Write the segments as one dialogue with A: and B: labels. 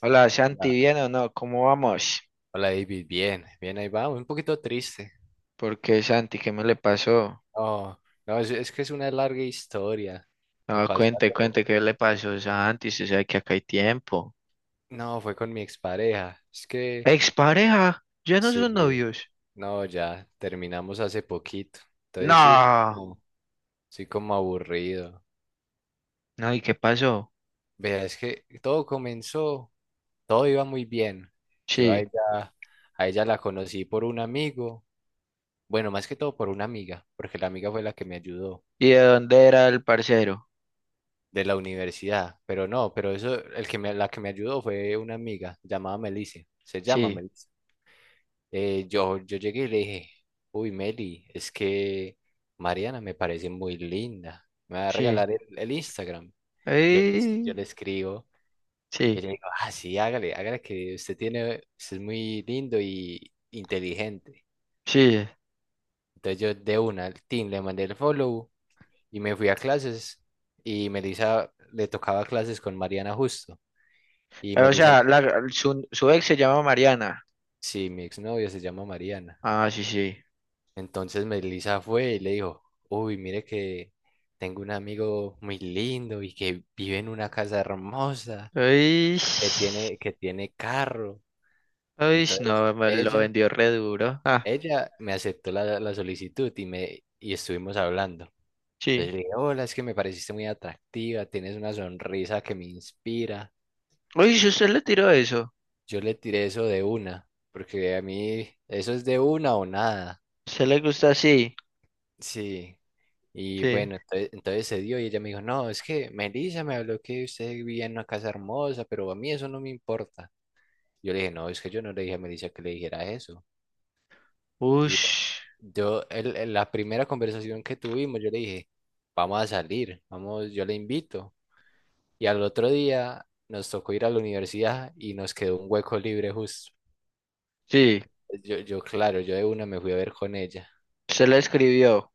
A: Hola Santi,
B: Hola,
A: ¿bien o no? ¿Cómo vamos?
B: Hola, David, bien, bien, ahí va, un poquito triste.
A: ¿Por qué Santi? ¿Qué me le pasó?
B: No, no, es que es una larga historia. Me
A: No,
B: pasó
A: cuente,
B: algo-
A: cuente, ¿qué le pasó Santi? Se sabe que acá hay tiempo.
B: No, fue con mi expareja. Es que
A: ¿Expareja? ¿Ya no son
B: sí,
A: novios?
B: no, ya terminamos hace poquito. Entonces sí, estoy
A: No.
B: como, estoy como aburrido.
A: No, ¿y qué pasó?
B: Vea, es que todo iba muy bien. Yo a
A: Sí.
B: ella, a ella la conocí por un amigo, bueno, más que todo por una amiga, porque la amiga fue la que me ayudó.
A: ¿Y de dónde era el parcero?
B: De la universidad, pero no, pero eso, la que me ayudó fue una amiga llamada Melissa, se llama
A: Sí,
B: Melissa. Yo llegué y le dije, uy, Meli, es que Mariana me parece muy linda, me va a
A: sí.
B: regalar el Instagram. Yo, le- yo
A: Ay,
B: le escribo y
A: sí,
B: le digo, ah, sí, hágale, hágale que usted es muy lindo y inteligente.
A: sí.
B: Entonces yo de una al team le mandé el follow y me fui a clases, y Melissa le tocaba clases con Mariana justo. Y
A: O
B: Melissa
A: sea, su ex se llama Mariana.
B: Sí, mi exnovia se llama Mariana.
A: Ah, sí, sí.
B: Entonces Melissa fue y le dijo, uy, mire que tengo un amigo muy lindo y que vive en una casa hermosa,
A: Ay,
B: que tiene carro.
A: ay,
B: Entonces
A: no, me lo
B: ella,
A: vendió re duro. Ah,
B: ella me aceptó la solicitud y estuvimos hablando.
A: sí.
B: Entonces le dije, hola, es que me pareciste muy atractiva, tienes una sonrisa que me inspira.
A: Uy, si usted le tiró eso.
B: Yo le tiré eso de una, porque a mí eso es de una o nada.
A: ¿Se le gusta así?
B: Sí. Y
A: Sí.
B: bueno, entonces se dio y ella me dijo, no, es que Melissa me habló que usted vivía en una casa hermosa, pero a mí eso no me importa. Yo le dije, no, es que yo no le dije a Melissa que le dijera eso. Y bueno,
A: Ush.
B: la primera conversación que tuvimos, yo le dije, vamos a salir, vamos, yo le invito. Y al otro día nos tocó ir a la universidad y nos quedó un hueco libre justo.
A: Sí.
B: Claro, yo de una me fui a ver con ella.
A: Se le escribió.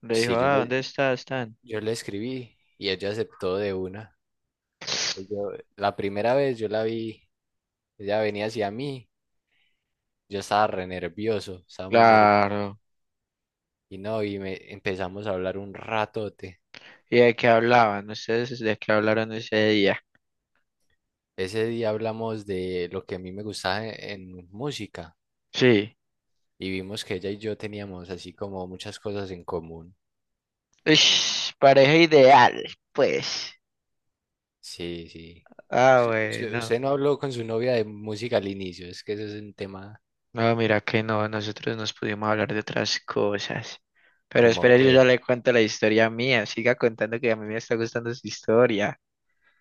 A: Le dijo,
B: Sí, yo
A: ah,
B: le,
A: ¿dónde está? Están.
B: yo le escribí y ella aceptó de una. La primera vez yo la vi, ella venía hacia mí, yo estaba re nervioso, estaba muy nervioso.
A: Claro.
B: Y no, y me empezamos a hablar un ratote.
A: ¿Y de qué hablaban? ¿Ustedes de qué hablaron ese día?
B: Ese día hablamos de lo que a mí me gustaba en, música,
A: Sí.
B: y vimos que ella y yo teníamos así como muchas cosas en común.
A: Ush, pareja ideal, pues.
B: Sí, sí.
A: Ah, bueno.
B: Usted no habló con su novia de música al inicio, es que eso es un tema
A: No, mira que no, nosotros nos pudimos hablar de otras cosas. Pero
B: como
A: espera, yo ya
B: que,
A: le cuento la historia mía. Siga contando que a mí me está gustando su historia.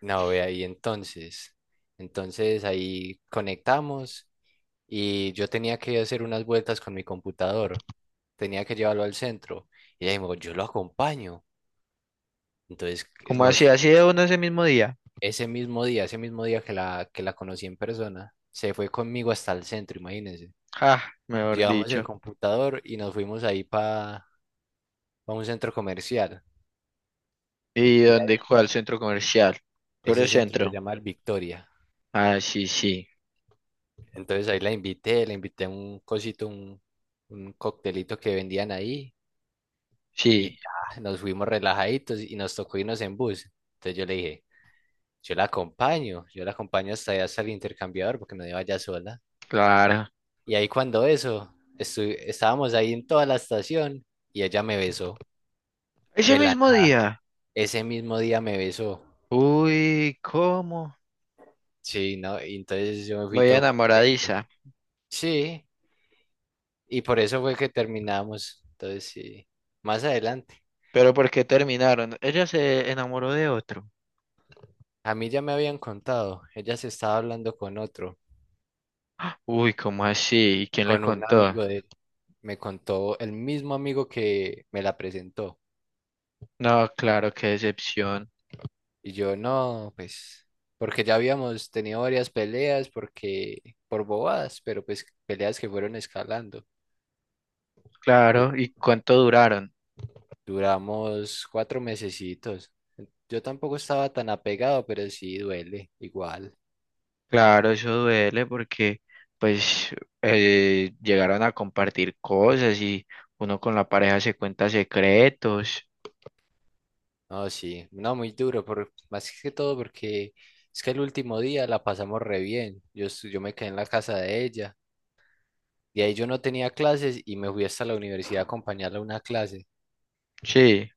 B: no, ve ahí entonces. Entonces ahí conectamos y yo tenía que hacer unas vueltas con mi computador. Tenía que llevarlo al centro. Y ella me dijo, yo lo acompaño. Entonces,
A: ¿Cómo
B: nos
A: así? ¿Así
B: fuimos.
A: de uno ese mismo día?
B: Ese mismo día que la conocí en persona, se fue conmigo hasta el centro, imagínense.
A: Ah, mejor
B: Llevamos el
A: dicho.
B: computador y nos fuimos ahí para un centro comercial.
A: ¿Y
B: Y
A: dónde? ¿Cuál
B: ahí,
A: centro comercial? Coreo
B: ese centro se
A: Centro.
B: llama el Victoria.
A: Ah, sí, sí,
B: Entonces ahí la invité a un cosito, un coctelito que vendían ahí. Y
A: sí,
B: ya, nos fuimos relajaditos y nos tocó irnos en bus. Entonces yo le dije, yo la acompaño, yo la acompaño hasta allá, hasta el intercambiador, porque no iba ya sola.
A: claro.
B: Y ahí cuando eso, estábamos ahí en toda la estación y ella me besó
A: Ese
B: de la
A: mismo
B: nada.
A: día.
B: Ese mismo día me besó.
A: Uy, ¿cómo?
B: Sí, ¿no? Y entonces yo me fui
A: Muy
B: todo contento.
A: enamoradiza.
B: Sí, y por eso fue que terminamos. Entonces sí, más adelante.
A: ¿Pero por qué terminaron? Ella se enamoró de otro.
B: A mí ya me habían contado, ella se estaba hablando con otro,
A: Uy, ¿cómo así? ¿Y quién le
B: con un
A: contó?
B: amigo de él. Me contó el mismo amigo que me la presentó.
A: No, claro, qué decepción.
B: Y yo, no, pues, porque ya habíamos tenido varias peleas, porque, por bobadas, pero pues peleas que fueron escalando. Y
A: Claro, ¿y cuánto duraron?
B: duramos 4 mesecitos. Yo tampoco estaba tan apegado, pero sí duele, igual.
A: Claro, eso duele porque, pues, llegaron a compartir cosas y uno con la pareja se cuenta secretos.
B: No, sí, no, muy duro, por, más que todo porque es que el último día la pasamos re bien. Yo me quedé en la casa de ella. De ahí yo no tenía clases y me fui hasta la universidad a acompañarla a una clase.
A: Sí.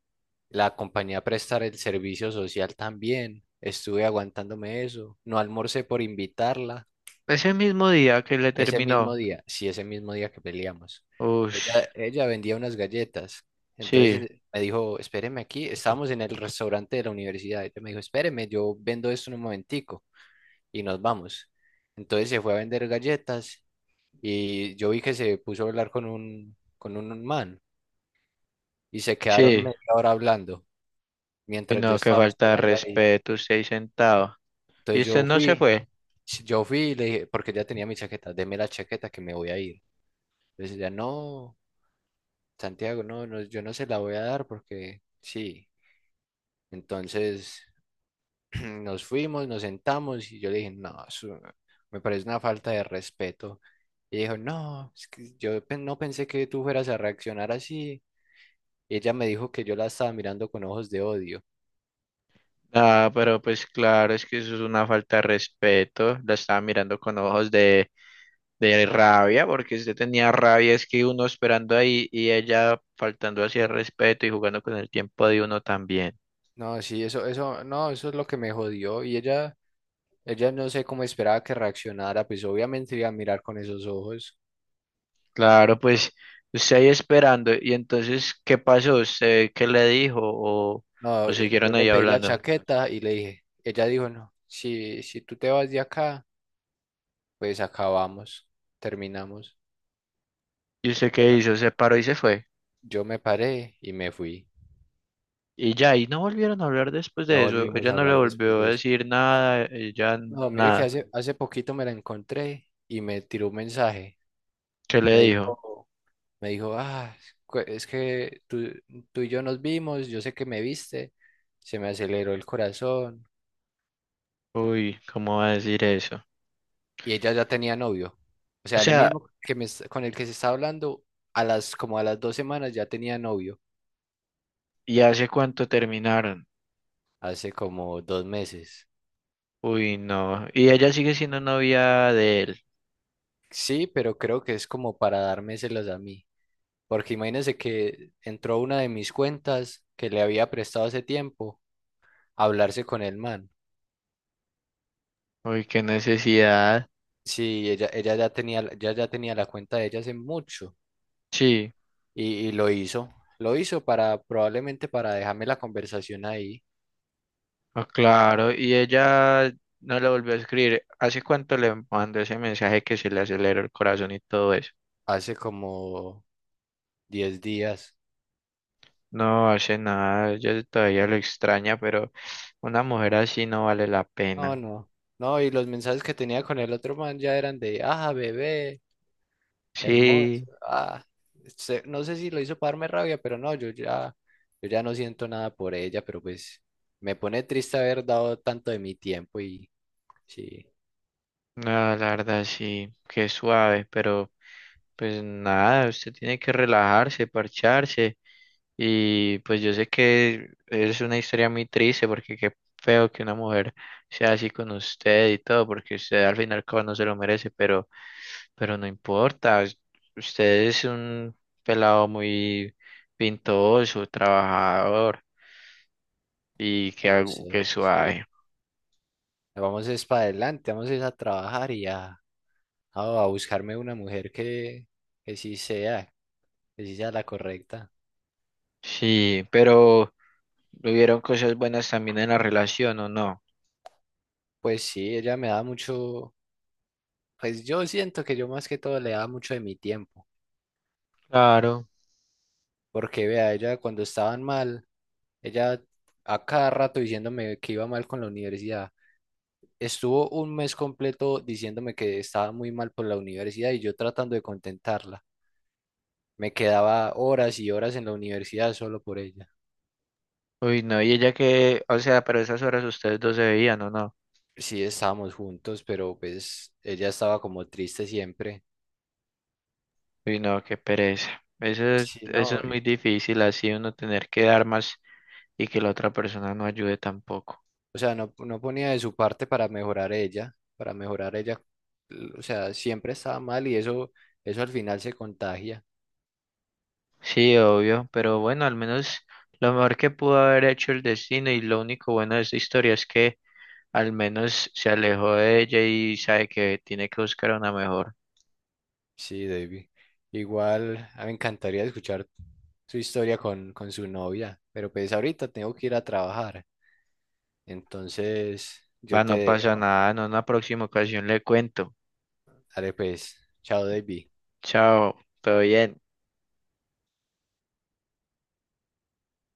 B: La compañía prestar el servicio social también. Estuve aguantándome eso. No almorcé por invitarla.
A: Ese mismo día que le
B: Ese mismo
A: terminó.
B: día, sí, ese mismo día que peleamos.
A: Ush,
B: Ella vendía unas galletas. Entonces,
A: sí,
B: me dijo, espéreme aquí. Estábamos en el restaurante de la universidad. Ella me dijo, espéreme, yo vendo esto en un momentico y nos vamos. Entonces se fue a vender galletas y yo vi que se puso a hablar con un, man, y se quedaron
A: sí.
B: media hora hablando
A: Y
B: mientras yo
A: no, que
B: estaba
A: falta de
B: esperando ahí.
A: respeto, usted ahí sentado. Y
B: Entonces
A: usted
B: yo
A: no se
B: fui,
A: fue.
B: Sí, yo fui y le dije, porque ya tenía mi chaqueta, deme la chaqueta que me voy a ir. Entonces ella, no, Santiago, no, no, yo no se la voy a dar porque sí. Entonces nos fuimos, nos sentamos y yo le dije, no, eso me parece una falta de respeto. Y dijo, no, es que no pensé que tú fueras a reaccionar así. Y ella me dijo que yo la estaba mirando con ojos de odio.
A: Ah, pero pues claro, es que eso es una falta de respeto. La estaba mirando con ojos de rabia, porque usted tenía rabia, es que uno esperando ahí y ella faltando hacia el respeto y jugando con el tiempo de uno también.
B: No, sí, eso, no, eso es lo que me jodió. Y ella no sé cómo esperaba que reaccionara, pues obviamente iba a mirar con esos ojos.
A: Claro, pues usted ahí esperando. Y entonces, ¿qué pasó? ¿Usted qué le dijo?
B: No,
A: O
B: yo
A: siguieron
B: le
A: ahí
B: pedí la
A: hablando?
B: chaqueta y le dije, ella dijo, no, si tú te vas de acá, pues acabamos, terminamos.
A: ¿Y usted qué
B: Bueno,
A: hizo? Se paró y se fue.
B: yo me paré y me fui.
A: Y ya, y no volvieron a hablar después
B: No
A: de eso.
B: volvimos
A: Ella
B: a
A: no le
B: hablar después
A: volvió a
B: de eso.
A: decir nada, ella
B: No, mire que
A: nada.
B: hace poquito me la encontré y me tiró un mensaje.
A: ¿Qué le
B: Me
A: dijo?
B: dijo, me dijo, ah, es que tú, y yo nos vimos, yo sé que me viste, se me aceleró el corazón,
A: Uy, ¿cómo va a decir eso?
B: y ella ya tenía novio. O
A: O
B: sea, el
A: sea,
B: mismo con el que se está hablando, como a las 2 semanas ya tenía novio,
A: ¿y hace cuánto terminaron?
B: hace como 2 meses.
A: Uy, no. Y ella sigue siendo novia de él.
B: Sí, pero creo que es como para dármeselas a mí. Porque imagínense que entró una de mis cuentas que le había prestado hace tiempo a hablarse con el man.
A: Uy, qué necesidad.
B: Sí, ella ya tenía la cuenta de ella hace mucho
A: Sí,
B: y lo hizo. Lo hizo para, probablemente para dejarme la conversación ahí
A: ah, claro. Y ella no le volvió a escribir. ¿Hace cuánto le mandó ese mensaje que se le aceleró el corazón y todo eso?
B: hace como 10 días.
A: No hace nada, ella todavía lo extraña, pero una mujer así no vale la
B: No,
A: pena.
B: no. No, y los mensajes que tenía con el otro man ya eran de, ah, bebé, hermoso,
A: Sí,
B: ah. No sé si lo hizo para darme rabia, pero no, yo ya no siento nada por ella, pero pues me pone triste haber dado tanto de mi tiempo y sí,
A: no, la verdad sí, qué suave, pero pues nada, usted tiene que relajarse, parcharse. Y pues yo sé que es una historia muy triste porque qué feo que una mujer sea así con usted y todo, porque usted al final como no se lo merece, pero no importa. Usted es un pelado muy pintoso, trabajador y
B: ah,
A: que,
B: yo
A: algo- que
B: sé, sí.
A: suave.
B: Vamos es para adelante, vamos es a trabajar y a, a buscarme una mujer que sí sea, que sí sea la correcta.
A: Sí, pero... ¿Hubieron cosas buenas también en la relación o no?
B: Pues sí, ella me da mucho, pues yo siento que yo más que todo le da mucho de mi tiempo.
A: Claro.
B: Porque vea, ella cuando estaban mal, ella a cada rato diciéndome que iba mal con la universidad. Estuvo un mes completo diciéndome que estaba muy mal por la universidad y yo tratando de contentarla. Me quedaba horas y horas en la universidad solo por ella.
A: Uy, no, y ella que, o sea, pero esas horas ustedes dos se veían o no.
B: Sí, estábamos juntos, pero pues ella estaba como triste siempre.
A: Uy, no, qué pereza.
B: Sí, no,
A: Eso
B: o
A: es muy difícil, así uno tener que dar más y que la otra persona no ayude tampoco.
B: sea, no, no ponía de su parte para mejorar ella, para mejorar ella. O sea, siempre estaba mal y eso al final se contagia.
A: Sí, obvio, pero bueno, al menos lo mejor que pudo haber hecho el destino y lo único bueno de esta historia es que al menos se alejó de ella y sabe que tiene que buscar una mejor.
B: Sí, David. Igual, a mí me encantaría escuchar su historia con, su novia, pero pues ahorita tengo que ir a trabajar. Entonces,
A: Va,
B: yo te
A: no pasa
B: dejo.
A: nada, no, en una próxima ocasión le cuento.
B: Dale pues. Chao, David.
A: Chao, todo bien.